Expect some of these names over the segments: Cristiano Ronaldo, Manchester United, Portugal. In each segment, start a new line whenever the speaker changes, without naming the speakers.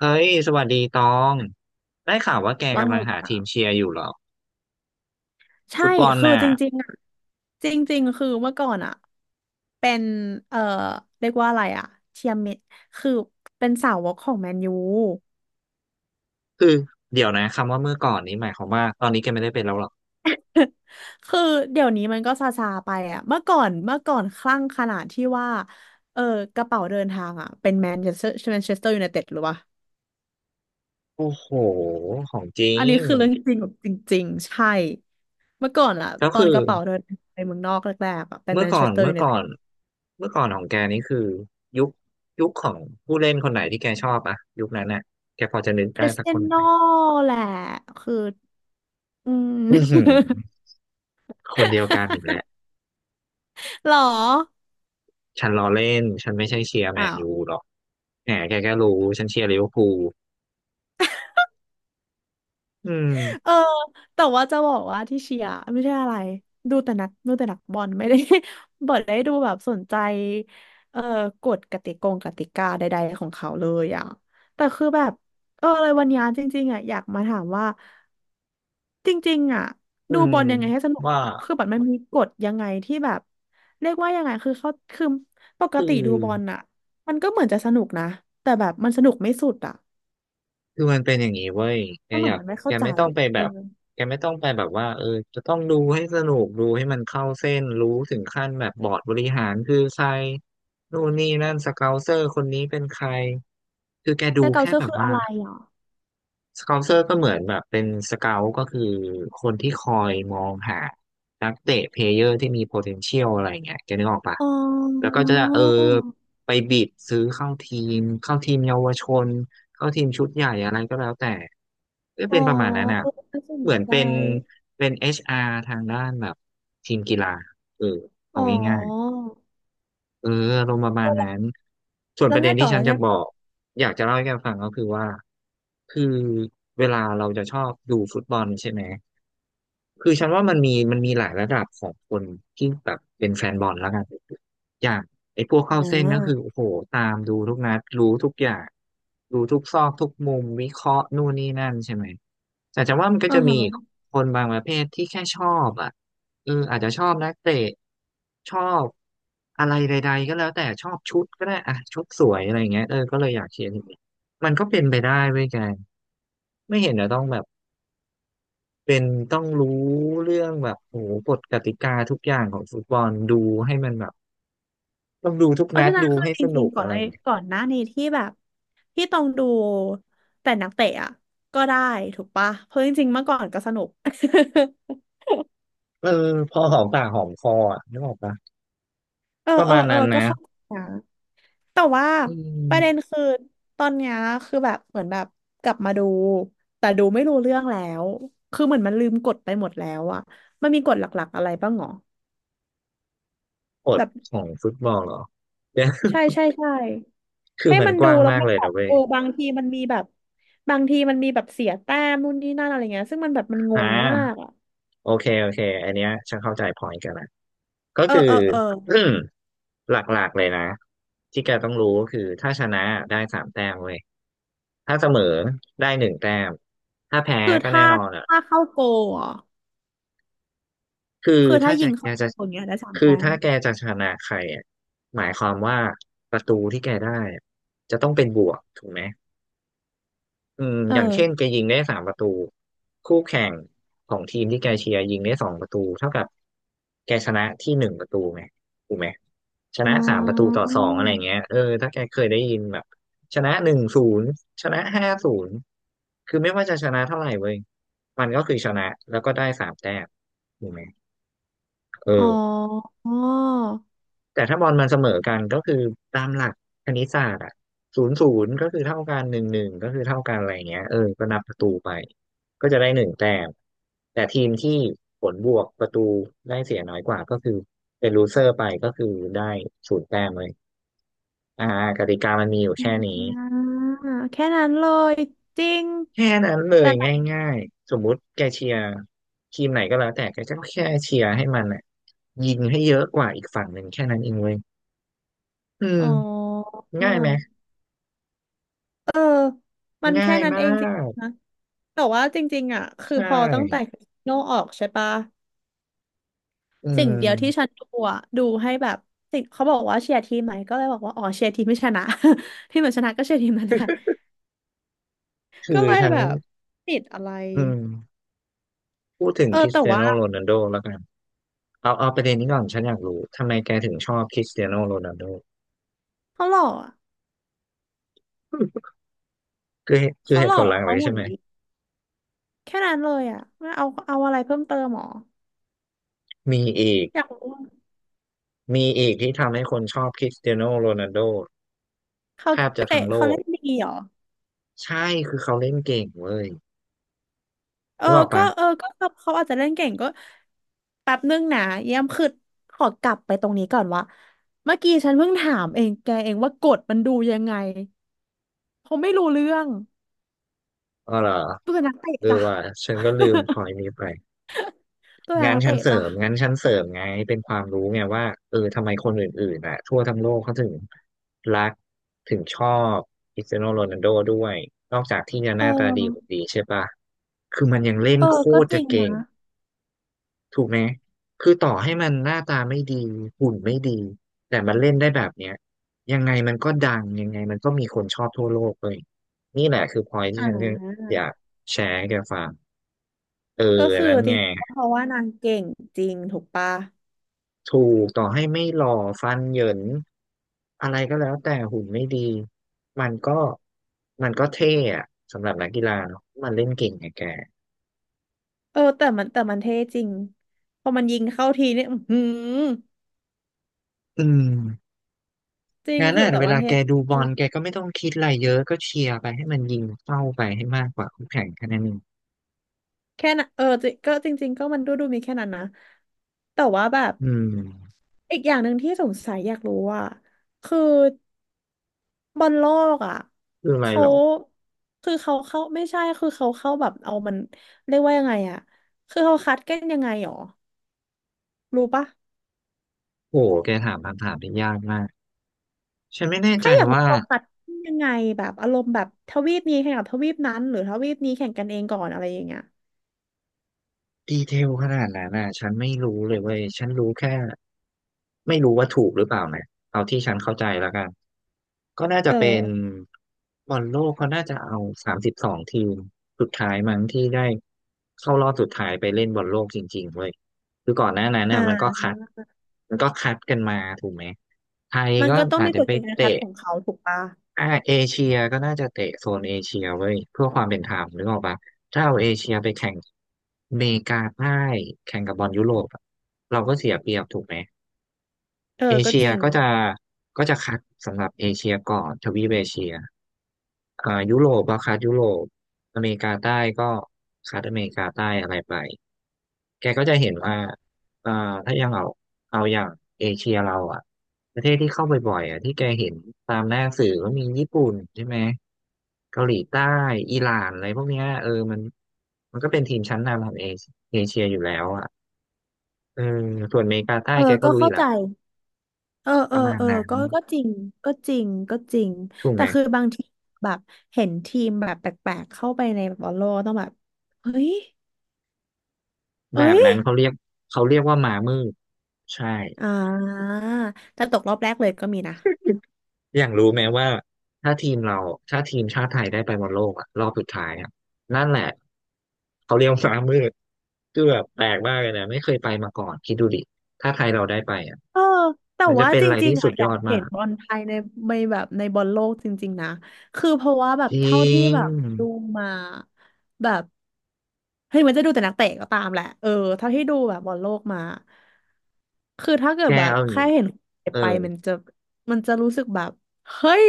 เฮ้ยสวัสดีตอง ได้ข่าวว่าแก
ว่า
กำ
ไง
ลังหา
จ๊ะ
ทีมเชียร์อยู่เหรอ
ใช่
ฟุตบอล
คือ
น่ะ
จริงๆอ่ะจริงๆคือเมื่อก่อนอ่ะเป็นเอ่อเรียกว่าอะไรอ่ะเชียร์เมคือเป็นสาวกของแมนยู
คือเดี๋ยวนะคำว่าเมื่อก่อนนี้หมายความว่าตอนนี้แกไม่ได้เป็นแล้วเหรอ
คือเดี๋ยวนี้มันก็ซาซาไปอ่ะเมื่อก่อนคลั่งขนาดที่ว่าเออกระเป๋าเดินทางอ่ะเป็นแมนเชสเตอร์แมนเชสเตอร์ยูไนเต็ดหรือวะ
โอ้โหของจริ
อันนี้
ง
คือเรื่องจริงแบบจริงๆใช่เมื่อก่อนอ่ะ
ก็
ตอน
คือ
กระเป๋าเดินทางไปเมืองนอกแรกๆอ่ะเป็น
เมื่
แม
อ
น
ก่
เช
อ
ส
น
เตอร์
เมื่
ยู
อ
ไน
ก่
เต็
อ
ด
นเมื่อก่อนของแกนี่คือยุคยุคของผู้เล่นคนไหนที่แกชอบอะยุคนั้นน่ะแกพอจะนึก
ค
ได้
ริส
สัก
เตี
ค
ย
นไห
โน่
ม
แหละคือ อืม
อือหือ คนเดียวกันอีกแล้ว
หรอ
ฉันล้อเล่นฉันไม่ใช่เชียร์แม
อ้า
น
ว
ยูหรอกแหมแกก็รู้ฉันเชียร์ลิเวอร์พูลอืม
เออแต่ว่าจะบอกว่าที่เชียร์ไม่ใช่อะไรดูแต่นักบอลไม่ได้ บอดได้ดูแบบสนใจเออกฎกติกงกติกาใดๆของเขาเลยอ่ะแต่คือแบบเอออะไรวันนี้จริงๆอ่ะอยากมาถามว่าจริงๆอ่ะ
อื
ดู
ม
บอลยังไงให้สนุกห
ว่า
รอคือแบอมันมีกฎยังไงที่แบบเรียกว่ายังไงคือเขาคือปก
คือ
ติดูบอลอ่ะมันก็เหมือนจะสนุกนะแต่แบบมันสนุกไม่สุดอ่ะ
คือมันเป็นอย่างนี้เว้ยแก
ก้วห
อ
นู
ยาก
มันไม่
แก
เข้าใจ
ไม่ต้อง
อะ
ไปแบ
เออ
บแกไม่ต้องไปแบบว่าเออจะต้องดูให้สนุกดูให้มันเข้าเส้นรู้ถึงขั้นแบบบอร์ดบริหารคือใครนู่นนี่นั่นสเกาเซอร์คนนี้เป็นใครคือแก
แซ
ดู
เกา
แค่
เซอร์
แบบ
คืออะ
ว่า
ไรอ่ะ
สเกาเซอร์ก็เหมือนแบบเป็นสเกาต์ก็คือคนที่คอยมองหานักเตะเพลเยอร์ที่มี potential อะไรเงี้ยแกนึกออกปะ
อ๋
แล้วก็
อ
จะเออไปบิดซื้อเข้าทีมเข้าทีมเยาวชนเข้าทีมชุดใหญ่อะไรก็แล้วแต่ก็
อ๋อ
เป็นประมาณนั้นอ่ะ
เออน่าสน
เหมือน
ใจ
เป็น HR ทางด้านแบบทีมกีฬาเออเอา
อ๋
ง่าย
อ
เอออารมณ์ประมาณนั้นส่วน
แล้
ป
ว
ระเด็
ไง
น
ต่
ที่
อ
ฉั
แล้
น
ว
จะ
ไง
บอ
ต่อ
ก อยากจะเล่าให้แกฟังก็คือว่า คือเวลาเราจะชอบดูฟุตบอลใช่ไหม คือฉันว่ามันมีหลายระดับของคนที่แบบเป็นแฟนบอลแล้วกันอย่างไอ้พวกเข้า
อ่
เส้นก็คือ
า
โอ้โหตามดูทุกนัดรู้ทุกอย่างรู้ทุกซอกทุกมุมวิเคราะห์นู่นนี่นั่นใช่ไหมแต่จะว่ามันก็
อืา
จะมี
ฮะ
คนบางประเภทที่แค่ชอบอ่ะเอออาจจะชอบนักเตะชอบอะไรใดๆก็แล้วแต่ชอบชุดก็ได้อ่ะชุดสวยอะไรอย่างเงี้ยเออก็เลยอยากเชียร์ทีมนี้มันก็เป็นไปได้เว้ยแกไม่เห็นจะต้องแบบ เป็นต้องรู้เรื่องแบบโอ้โหกฎกติกาทุกอย่างของฟุตบอลดูให้มันแบบต้องดูทุก
เพราะ
นัด
ฉะนั้น
ดู
คือ
ให้
จ
ส
ริ
นุ
ง
ก
ๆก่อ
อะ
น
ไรอ
ไอ้
ย่างเงี้ย
ก่อนหน้านี้ที่แบบที่ต้องดูแต่นักเตะอ่ะก็ได้ถูกปะ เพราะจริงๆเมื่อก่อนก็สนุก
เออพอหอมปากหอมคออ่ะนึกออกปะ
เออ
ประ
เออ
มาณ
เออ
นั้น
ก็
นะ
เข้าใจนะ แต่ว่า
อื
ป
ม
ระเด็นคือตอนเนี้ยคือแบบเหมือนแบบกลับมาดูแต่ดูไม่รู้เรื่องแล้วคือเหมือนมันลืมกฎไปหมดแล้วอะมันมีกฎหลักๆอะไรบ้างหรอ
กฎ
แบบ
ของฟุตบอลเหรอเดี๋ยว
ใช่
คือ
ให้
มัน
มัน
ก
ดู
ว้าง
แล้ว
มาก
มั
เล
น
ย
แบ
นะ
บ
เว้ย
เออบางทีมันมีแบบบางทีมันมีแบบเสียแต้มนู่นนี่นั่นอะไรเงี้ยซึ่งมันแบบมันง
อ่
งมา
า
กอะ
โอเคโอเคอันเนี้ยฉันเข้าใจพอยกันละก็
เออ
คือ
เออเออ
อืมหลักๆเลยนะที่แกต้องรู้ก็คือถ้าชนะได้สามแต้มเว้ยถ้าเสมอได้หนึ่งแต้มถ้าแพ้
คือ
ก็แน่
ถ้า
นอนอ่ะ
ถ้าเข้าโกลเหรอ
คือ
คือถ้า
ถ้า
ยิ
จะ
ง
แก
เข้า
จะ
โกลอย่างเงี้ยได้สาม
คือ
แต้ม
ถ้าแกจะชนะใครอ่ะหมายความว่าประตูที่แกได้อะจะต้องเป็นบวกถูกไหมอืม
เอ
อย่างเช่นแก
อ
ยิงได้สามประตูคู่แข่งของทีมที่แกเชียร์ยิงได้2 ประตูเท่ากับแกชนะที่1 ประตูไหมถูกไหมช
อ๋
นะสามประตูต่
อ
อสองอะไรเงี้ยเออถ้าแกเคยได้ยินแบบชนะ1-0ชนะ5-0คือไม่ว่าจะชนะเท่าไหร่เว้ยมันก็คือชนะแล้วก็ได้สามแต้มถูกไหม
อ๋
เออ
อ
แต่ถ้าบอลมันเสมอกันก็คือตามหลักคณิตศาสตร์อะ0-0ก็คือเท่ากัน1-1ก็คือเท่ากันอะไรเงี้ยเออ ก็นับประตูไปก็จะได้หนึ่งแต้มแต่ทีมที่ผลบวกประตูได้เสียน้อยกว่าก็คือเป็นลูเซอร์ไปก็คือได้0 แต้มเลยอ่ากติกามันมีอยู่
อ่
แค่นี้
าแค่นั้นเลยจริง
แค่นั้นเล
แต่
ย
แบบ
ง่ายๆสมมุติแกเชียร์ทีมไหนก็แล้วแต่แกก็แค่เชียร์ให้มันอ่ะยิงให้เยอะกว่าอีกฝั่งหนึ่งแค่นั้นเองเว้ยอืม
อ๋อ
ง่ายไหม
เออมัน
ง่า
แค่
ย
นั้น
มา
เองจริง
ก
นะแต่ว่าจริงๆอ่ะคือ
ใช่
พอตั้งแต่คริสโนออกใช่ปะ
อื
สิ่งเดียวที่
ม
ฉันดูอ่ะดูให้แบบสิ่งเขาบอกว่าเชียร์ทีมไหมก็เลยบอกว่าอ๋อเชียร์ทีมไม่ชนะ ที่เหมือนชนะก็เชียร์ทีมนั่นแหละ
คื
ก็
อ
เลย
ฉัน
แบบติดอะไร
อืมพูดถึง
เออ
คริส
แต่
เตีย
ว่า
โนโรนัลโดแล้วกัน เอา เอาประเด็นนี้ก่อน ฉันอยากรู้ ทำไมแกถึงชอบคริสเตียโนโรนัลโด
เขาหล่ออะ
คือคือ
เขา
เห
ห
ตุ
ล่
ผ
อ
ลหลัก
เขา
เลยใช่
หุ่น
ไหม
ดีแค่นั้นเลยอ่ะไม่เอาเอาอะไรเพิ่มเติมหรอ
มีอีก
อยากรู้
มีอีกที่ทำให้คนชอบคริสเตียโนโรนัลโด
เขา
แทบจะ
เตะ
ทั้งโล
เขา
ก
เล่นดีเหรอ
ใช่ คือเขาเล่นเก่งเว้ย
เออ
นึกออก
ก็
ปะ
เออก็เขาอาจจะเล่นเก่งก็แป๊บนึงนะเยี่ยมคือขอกลับไปตรงนี้ก่อนว่าเมื่อกี้ฉันเพิ่งถามเองแกเองว่ากฎมันดูยังไงเขาไม่รู้เรื่อง
อ๋อเหรอ
ตัวนักเตะ
เออ
จ้ะ
ว่าฉันก็ลืม พอยนี้ไป
ตัว
งาน
นัก
ชั้
เตะ
นเสริ
จ้ะ
มงานชั้นเสริมไงเป็นความรู้ไงว่าเออทำไมคนอื่นๆอ่ะทั่วทั้งโลกเขาถึงรักถึงชอบคริสเตียโนโรนัลโดด้วยนอกจากที่จะ
เ
หน้าตาดีกว่า
ออ
ดีใช่ปะคือมันยังเล่น
เอ
โค
อก็
ตร
จ
จะ
ริง
เก่ง
นะ
ถูกไหมคือต่อให้มันหน้าตาไม่ดีหุ่นไม่ดีแต่มันเล่นได้แบบเนี้ยยังไงมันก็ดังยังไงมันก็มีคนชอบทั่วโลกเลยนี่แหละคือพอยที่
อ่า
ฉันอยากแชร์ให้แกฟังเออ
ก็คือ
นั้น
จ
ไง
ริงเพราะว่านางเก่งจริงถูกปะ
ถูกต่อให้ไม่หล่อฟันเหยินอะไรก็แล้วแต่หุ่นไม่ดีมันก็เท่อะสำหรับนักกีฬาเนาะมันเล่นเก่งไงแก
เออแต่มันเท่จริงพอมันยิงเข้าทีเนี่ยอือหือ
อืม
จริง
งั้น
คือ
น่ะ
แต่
เว
วัน
ลา
เท่
แกดูบอลแกก็ไม่ต้องคิดอะไรเยอะก็เชียร์ไปให้มันยิงเข้าไปให้มากกว่าคู่แข่งแค่นั้นเอง
แค่นั้นเออจริก็จริงๆก็มันดูมีแค่นั้นนะแต่ว่าแบบ
อืม
อีกอย่างหนึ่งที่สงสัยอยากรู้ว่าคือบอลโลกอ่ะ
คืออะไร
เขา
หรอ
คือเขาเข้าไม่ใช่คือเขาเข้าแบบเอามันเรียกว่ายังไงอ่ะคือเขาคัดกันยังไงหรอรู้ปะ
โอ้โหแกถามคำถามที่ยากมากฉันไม่แน่ใจ
แค่อยากรู้
ว่า
เขาคัดยังไงแบบอารมณ์แบบทวีปนี้แข่งกับทวีปนั้นหรือทวีปนี้แข่งกันเองก่อนอะไรอย่างเงี้ย
ดีเทลขนาดนั้นน่ะฉันไม่รู้เลยเว้ยฉันรู้แค่ไม่รู้ว่าถูกหรือเปล่านะเอาที่ฉันเข้าใจแล้วกันก็น่าจะ
เออ
เป็นบอลโลกเขาน่าจะเอา32ทีมสุดท้ายมั้งที่ได้เข้ารอบสุดท้ายไปเล่นบอลโลกจริงๆเว้ยคือก่อนหน้านั้น
อ
เนี่ยมันก็
่า
คัดกันมาถูกไหมไทย
มัน
ก็
ก็ต้อง
อาจ
มี
จะ
กฎ
ไป
เกณฑ์การคัด
เตะ
ของเขาถูกปะ
อ่าเอเชียก็น่าจะเตะโซนเอเชียเว้ยเพื่อความเป็นธรรมนึกออกปะถ้าเอาเอเชียไปแข่งอเมริกาใต้แข่งกับบอลยุโรปอะเราก็เสียเปรียบถูกไหม
เอ
เอ
อก็
เชี
จ
ย
ริง
ก็จะคัดสำหรับเอเชียก่อนทวีปเอเชียอ่ายุโรปก็คัดยุโรปอเมริกาใต้ก็คัดอเมริกาใต้อะไรไป แกก็จะเห็นว่าอ่าถ้ายังเอาอย่างเอเชียเราอ่ะประเทศที่เข้าไปบ่อยๆอ่ะที่แกเห็นตามหน้าสื่อก็มีญี่ปุ่นใช่ไหมเกาหลีใต้อิหร่านอะไรพวกเนี้ยเออมันก็เป็นทีมชั้นนำของเอเชียอยู่แล้วอ่ะเออส่วนอเมริกาใต้
เออ
แกก็
ก็
รู้อ
เข้า
ยู่
ใจ
ละ
เออ
ป
เออ
ระมาณ
เออ
นั้น
ก็ก็จริงก็จริง
ถูก
แต่
ไหม
คือบางทีแบบเห็นทีมแบบแปลกๆเข้าไปในบบอลโลกต้องแบบเฮ้ยเอ้
แบบ
ย
นั้นเขาเรียกว่าหมามืดใช่
อ่าแต่ตกรอบแรกเลยก็มีนะ
อย่างรู้ไหมว่าถ้าทีมเราถ้าทีมชาติไทยได้ไปบอลโลกอะรอบสุดท้ายอะนั่นแหละเขาเรียกวาหมามืดคือแบบแปลกมากเลยนะไม่เคยไปมาก่อนคิดดูดิถ้าไทยเราได้ไปอะ
เออแต่
มันจะ
ว่า
เป็น
จ
อะไร
ริง
ที่
ๆ
สุ
อ่ะ
ด
อ
ย
ยา
อ
ก
ด
เห็
มา
น
ก
บอลไทยในในแบบในบอลโลกจริงๆนะคือเพราะว่าแบบ
จร
เท่า
ิ
ที่
ง
แบบดูมาแบบเฮ้ยมันจะดูแต่นักเตะก็ตามแหละเออเท่าที่ดูแบบบอลโลกมาคือถ้าเกิ
แก
ดแบบ
เอาอย่าง
แค่
งี้
เห็น
เออ
ไปมันจะรู้สึกแบบเฮ้ย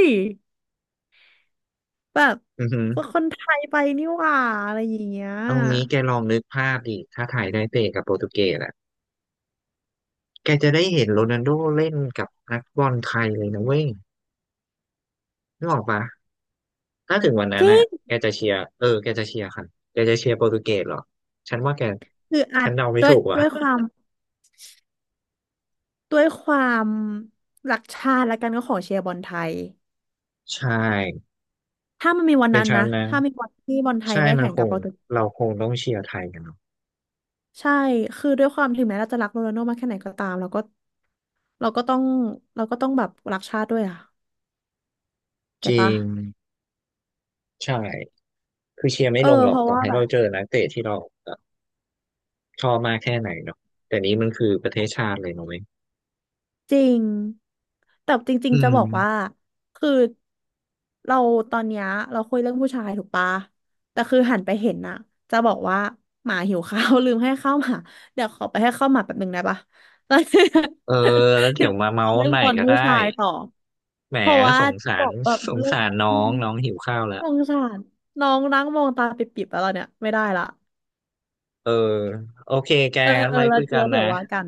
แบบ
อือหือ
คนไทยไปนี่หว่าอะไรอย่างเงี้ย
เอางี้แกลองนึกภาพดิถ้าไทยได้เตะกับโปรตุเกสอะแกจะได้เห็นโรนัลโดเล่นกับนักบอลไทยเลยนะเว้ยนึกออกปะ ถ้าถึงวันนั้
จ
น
ริ
น่ะ
ง
แกจะเชียร์เออแกจะเชียร์ใครแกจะเชียร์โปรตุเกสเหรอฉันว่าแก
คืออา
ฉั
จ
นเดาไม่
ด้วย
ถูกว่ะ
ด้วยความ ด้วยความรักชาติแล้วกันก็ขอเชียร์บอลไทย
ใช่
ถ้ามันมีวัน
เป็น
นั้น
ฉั
นะ
นนะ
ถ้ามีวันที่บอลไทย
ใช่
ได้
มัน
แข่ง
ค
กับ
ง
โปรตุเกส
เราคงต้องเชียร์ไทยกันเนาะ
ใช่ คือด้วยความถึงแม้เราจะรักโรนัลโดมากแค่ไหนก็ตามเราก็เราก็ต้องเราก็ต้องแบบรักชาติด้วยอ่ะ
จ
เก็ต
ริ
ปะ
งใช่ คือเชียร์ไม่
เออ
ลงหรอ
เพ
ก
ราะ
ต่อ
ว่า
ให้
แบ
เรา
บ
เจอนักเตะที่เราแบบชอบมากแค่ไหนเนาะแต่นี้มันคือประเทศชาติเลยเนาะเว้ย
จริงแต่จริง
อื
ๆจะ
ม
บอกว่าคือเราตอนเนี้ยเราคุยเรื่องผู้ชายถูกปะแต่คือหันไปเห็นน่ะจะบอกว่าหมาหิวข้าว ลืมให้ข้าวหมาเดี๋ยวขอไปให้ข้าวหมาแป๊บหนึ่งได้ปะแล้ว
เอ อแล้วเดี๋
เดี๋ย
ยว
ว
มาเมา
เอา
ส์กั
เรื่
น
อง
ใหม่
บอล
ก็
ผู้
ได้
ชายต่อ
แหม
เพราะว่า
สงสา
บ
ร
อกแบบเรื่อง
น้
อื
อ
ม
งน้องหิวข้าวแล้
ส
ว
งสารน้องนั่งมองตาปิบๆแล้วเราเนี่ยไม่ได้ละ
เออโอเคแก
เออ
งั้น
เออ
ไว้
แล้
คุ
ว
ยกั
แล้
น
วเดี๋
นะ
ยวว่ากัน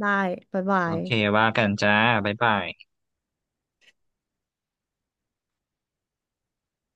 ได้บ๊ายบา
โอ
ย
เค ว่ากันจ้าบ๊ายบาย